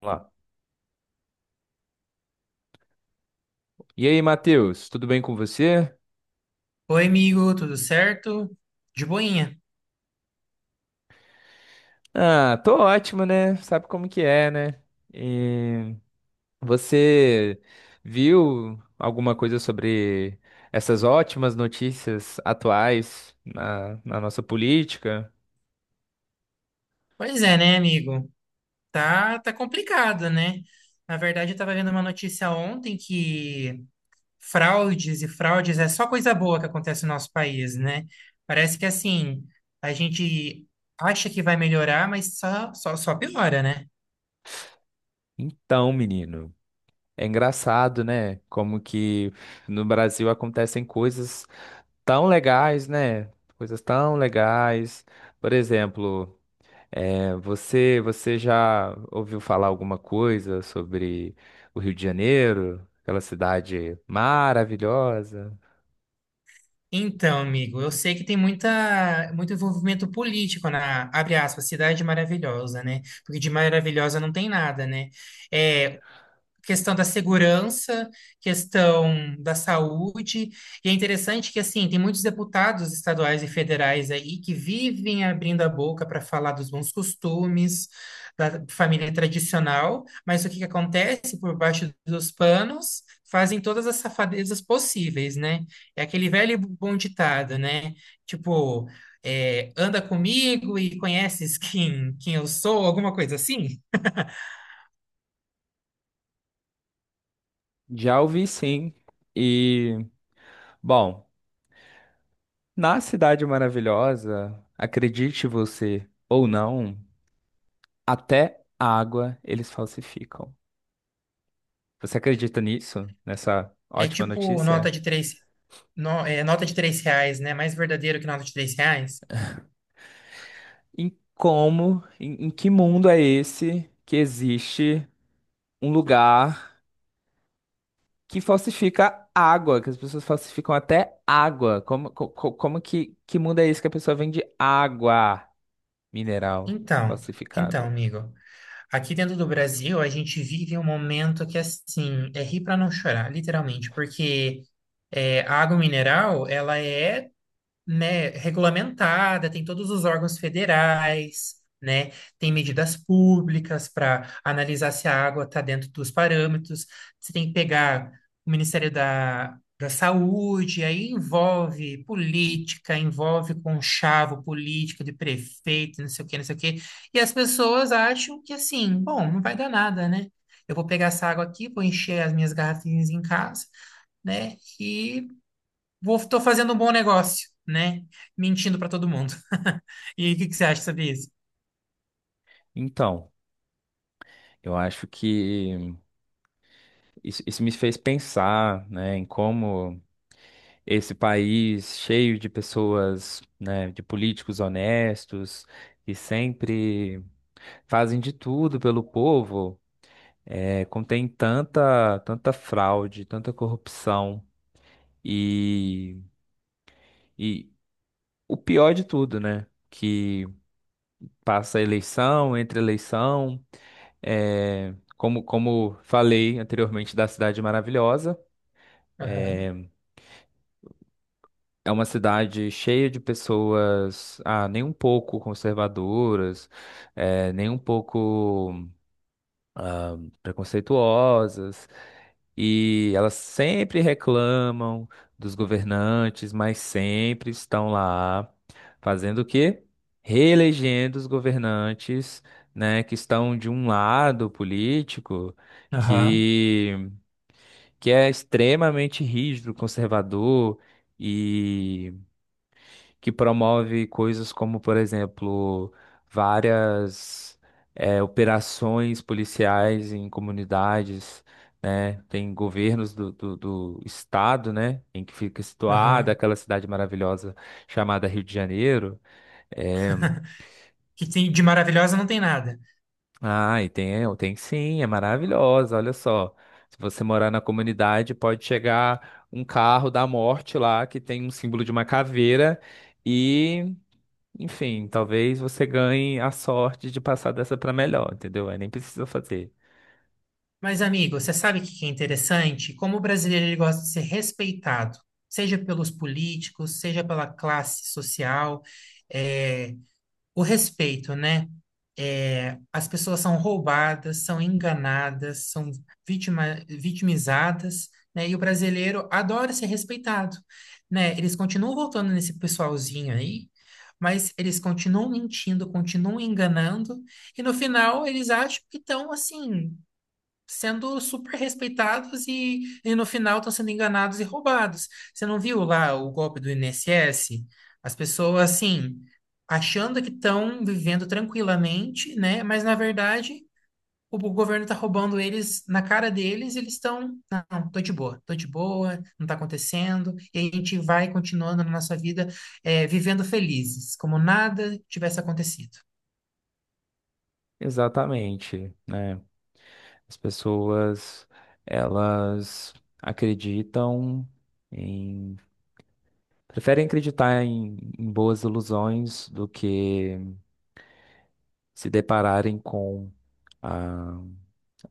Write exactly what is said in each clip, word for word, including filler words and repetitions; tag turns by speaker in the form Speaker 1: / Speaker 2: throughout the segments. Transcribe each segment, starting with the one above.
Speaker 1: Vamos lá. E aí, Matheus, tudo bem com você?
Speaker 2: Oi, amigo, tudo certo? De boinha.
Speaker 1: Ah, tô ótimo, né? Sabe como que é, né? E você viu alguma coisa sobre essas ótimas notícias atuais na, na nossa política?
Speaker 2: Pois é, né, amigo? Tá, tá complicado, né? Na verdade, eu tava vendo uma notícia ontem que fraudes e fraudes é só coisa boa que acontece no nosso país, né? Parece que assim, a gente acha que vai melhorar, mas só, só, só piora, né?
Speaker 1: Então, menino, é engraçado, né? Como que no Brasil acontecem coisas tão legais, né? Coisas tão legais. Por exemplo. É, você, você já ouviu falar alguma coisa sobre o Rio de Janeiro, aquela cidade maravilhosa?
Speaker 2: Então, amigo, eu sei que tem muita, muito envolvimento político na, abre aspas, Cidade Maravilhosa, né? Porque de maravilhosa não tem nada, né? É, questão da segurança, questão da saúde. E é interessante que, assim, tem muitos deputados estaduais e federais aí que vivem abrindo a boca para falar dos bons costumes, da família tradicional, mas o que que acontece por baixo dos panos? Fazem todas as safadezas possíveis, né? É aquele velho e bom ditado, né? Tipo, é, anda comigo e conheces quem, quem eu sou, alguma coisa assim.
Speaker 1: Já ouvi sim. E, bom, na cidade maravilhosa, acredite você ou não, até a água eles falsificam. Você acredita nisso? Nessa
Speaker 2: É
Speaker 1: ótima
Speaker 2: tipo nota
Speaker 1: notícia?
Speaker 2: de três, no- é, nota de três reais, né? Mais verdadeiro que nota de três reais?
Speaker 1: Em como, em, em que mundo é esse que existe um lugar que falsifica água, que as pessoas falsificam até água. Como, co- co- como que, que mundo é esse que a pessoa vende água mineral
Speaker 2: Então, então,
Speaker 1: falsificada?
Speaker 2: amigo, aqui dentro do Brasil a gente vive um momento que assim é rir para não chorar, literalmente, porque é, a água mineral ela é, né, regulamentada, tem todos os órgãos federais, né, tem medidas públicas para analisar se a água está dentro dos parâmetros, você tem que pegar o Ministério da, da Saúde, aí envolve política, envolve conchavo político de prefeito, não sei o que, não sei o que, e as pessoas acham que assim, bom, não vai dar nada, né? Eu vou pegar essa água aqui, vou encher as minhas garrafinhas em casa, né? E vou, tô fazendo um bom negócio, né? Mentindo para todo mundo. E aí, o que que você acha sobre isso?
Speaker 1: Então, eu acho que isso, isso me fez pensar, né, em como esse país cheio de pessoas, né, de políticos honestos, que sempre fazem de tudo pelo povo, é, contém tanta, tanta fraude, tanta corrupção. E, e, o pior de tudo, né? Que passa eleição, entre eleição, é, como, como falei anteriormente da Cidade Maravilhosa,
Speaker 2: Aham.
Speaker 1: é uma cidade cheia de pessoas, ah, nem um pouco conservadoras, é, nem um pouco preconceituosas. E elas sempre reclamam dos governantes, mas sempre estão lá fazendo o quê? Reelegendo os governantes, né, que estão de um lado político
Speaker 2: Aham,
Speaker 1: que, que é extremamente rígido, conservador, que promove coisas como, por exemplo, várias eh, operações policiais em comunidades, né? Tem governos do, do, do estado, né? Em que fica situada
Speaker 2: aham.
Speaker 1: aquela cidade maravilhosa chamada Rio de Janeiro. É,
Speaker 2: Que tem, de maravilhosa não tem nada.
Speaker 1: ah, e tem, é, tem sim, é maravilhosa, olha só. Se você morar na comunidade, pode chegar um carro da morte lá que tem um símbolo de uma caveira. Enfim, talvez você ganhe a sorte de passar dessa para melhor, entendeu? Aí nem precisa fazer.
Speaker 2: Mas, amigo, você sabe o que que é interessante? Como o brasileiro ele gosta de ser respeitado, seja pelos políticos, seja pela classe social. É, O respeito, né? É, as pessoas são roubadas, são enganadas, são vitima, vitimizadas, né? E o brasileiro adora ser respeitado, né? Eles continuam voltando nesse pessoalzinho aí, mas eles continuam mentindo, continuam enganando, e no final eles acham que estão assim sendo super respeitados e, e no final estão sendo enganados e roubados. Você não viu lá o golpe do I N S S? As pessoas, assim, achando que estão vivendo tranquilamente, né? Mas, na verdade, o, o governo está roubando eles na cara deles, e eles estão, não, tô de boa, tô de boa, não tá acontecendo, e a gente vai continuando na nossa vida, eh, vivendo felizes, como nada tivesse acontecido.
Speaker 1: Exatamente, né? As pessoas, elas acreditam em... Preferem acreditar em, em boas ilusões do que se depararem com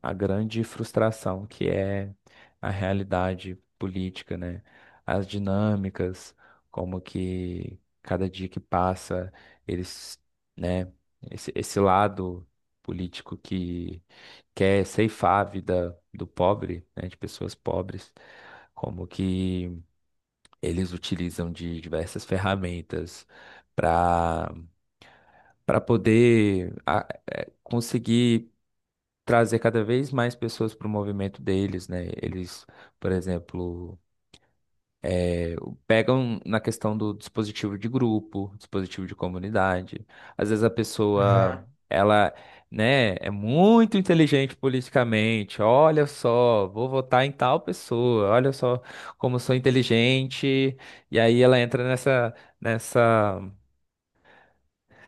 Speaker 1: a grande frustração que é a realidade política, né? As dinâmicas, como que cada dia que passa, eles, né, esse, esse lado político que quer ceifar a vida do pobre, né, de pessoas pobres, como que eles utilizam de diversas ferramentas para para poder a- conseguir trazer cada vez mais pessoas para o movimento deles, né? Eles, por exemplo, pegam na questão do dispositivo de grupo, dispositivo de comunidade. Às vezes a pessoa,
Speaker 2: Aham.
Speaker 1: ela, né, é muito inteligente politicamente. Olha só, vou votar em tal pessoa. Olha só como eu sou inteligente. E aí ela entra nessa nessa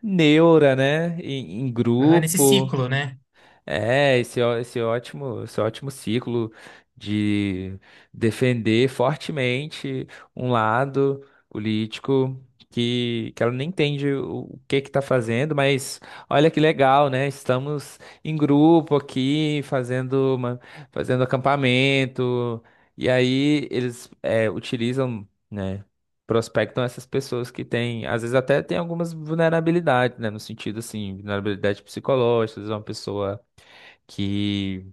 Speaker 1: neura, né, em, em
Speaker 2: Aham, nesse
Speaker 1: grupo.
Speaker 2: ciclo, né?
Speaker 1: É, esse, ó- esse ótimo, esse ótimo ciclo de defender fortemente um lado político que, que ela nem entende o, o que que tá fazendo, mas olha que legal, né? Estamos em grupo aqui, fazendo uma, fazendo acampamento, e aí eles é, utilizam, né? Prospectam essas pessoas que têm, às vezes até tem algumas vulnerabilidades, né? No sentido assim, vulnerabilidade psicológica, às vezes é uma pessoa que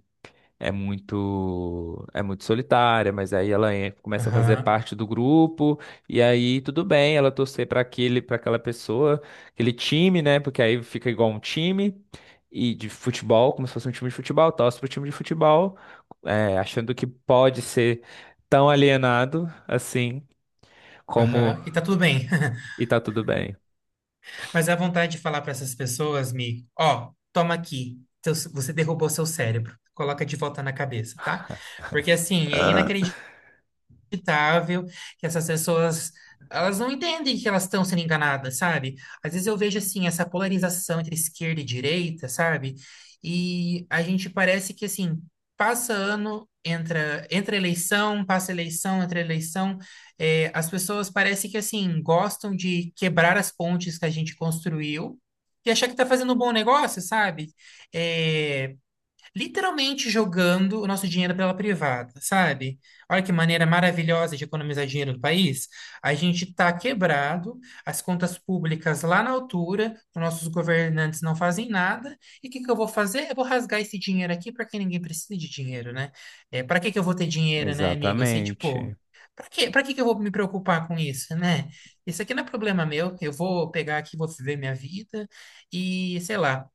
Speaker 1: é muito é muito solitária, mas aí ela en- começa a fazer
Speaker 2: Aham,
Speaker 1: parte do grupo e aí tudo bem, ela torcer para aquele para aquela pessoa, aquele time, né? Porque aí fica igual um time e de futebol, como se fosse um time de futebol, torce pro time de futebol, é, achando que pode ser tão alienado assim como
Speaker 2: aham, e tá tudo bem.
Speaker 1: e tá tudo bem.
Speaker 2: Mas a vontade de falar para essas pessoas, Mi, ó, toma aqui, seu- você derrubou seu cérebro, coloca de volta na cabeça, tá? Porque assim, é
Speaker 1: Ah,
Speaker 2: inacreditável, inacreditável que essas pessoas elas não entendem que elas estão sendo enganadas, sabe? Às vezes eu vejo assim essa polarização entre esquerda e direita, sabe? E a gente parece que assim passa ano, entra, entra eleição, passa eleição, entra eleição, é, as pessoas parece que assim gostam de quebrar as pontes que a gente construiu. E achar que está fazendo um bom negócio, sabe? É, literalmente jogando o nosso dinheiro pela privada, sabe? Olha que maneira maravilhosa de economizar dinheiro do país. A gente está quebrado, as contas públicas lá na altura, os nossos governantes não fazem nada. E o que que eu vou fazer? Eu vou rasgar esse dinheiro aqui para que ninguém precise de dinheiro, né? É, para que que eu vou ter dinheiro, né, amigo? Eu sei, tipo,
Speaker 1: Exatamente,
Speaker 2: para que, para que que eu vou me preocupar com isso, né? Isso aqui não é problema meu, eu vou pegar aqui, vou viver minha vida e sei lá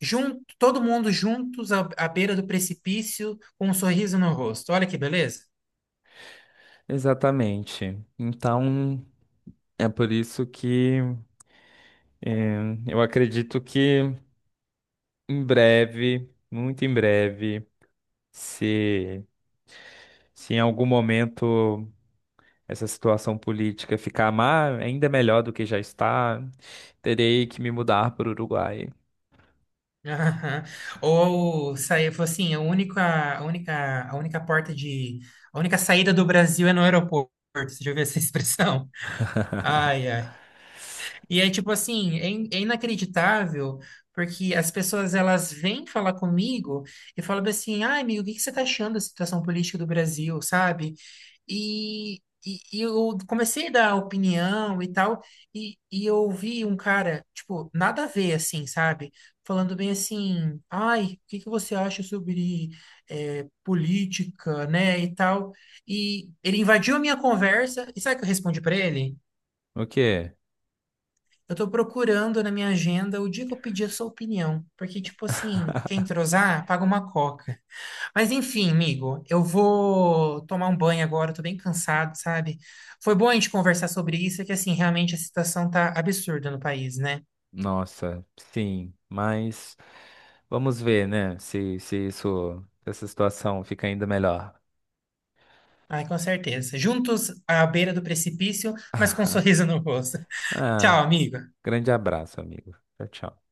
Speaker 2: junto, todo mundo juntos à, à beira do precipício com um sorriso no rosto. Olha que beleza.
Speaker 1: exatamente. Então, é por isso que é, eu acredito que em breve, muito em breve, se, se em algum momento essa situação política ficar má, ainda melhor do que já está, terei que me mudar para o Uruguai.
Speaker 2: Aham. Ou sair, falou assim, a única, a única, a única porta de, a única saída do Brasil é no aeroporto. Você já ouviu essa expressão? Ai, ai. E é tipo assim, é, in- é inacreditável, porque as pessoas elas vêm falar comigo e falam bem assim, ai, amigo, o que que você tá achando da situação política do Brasil, sabe? E, e, e eu comecei a dar opinião e tal, e, e eu ouvi um cara, tipo, nada a ver, assim, sabe? Falando bem assim, ai, o que que você acha sobre eh, política, né, e tal. E ele invadiu a minha conversa, e sabe o que eu respondi para ele?
Speaker 1: O quê?
Speaker 2: Eu tô procurando na minha agenda o dia que eu pedi a sua opinião. Porque, tipo assim, quem entrosar, paga uma coca. Mas enfim, amigo, eu vou tomar um banho agora, eu tô bem cansado, sabe? Foi bom a gente conversar sobre isso, é que assim, realmente a situação tá absurda no país, né?
Speaker 1: Nossa, sim, mas vamos ver, né? Se, se isso, se essa situação fica ainda melhor.
Speaker 2: Ai, com certeza. Juntos à beira do precipício, mas com um sorriso no rosto.
Speaker 1: Ah,
Speaker 2: Tchau, amigo.
Speaker 1: grande abraço, amigo. Tchau, tchau.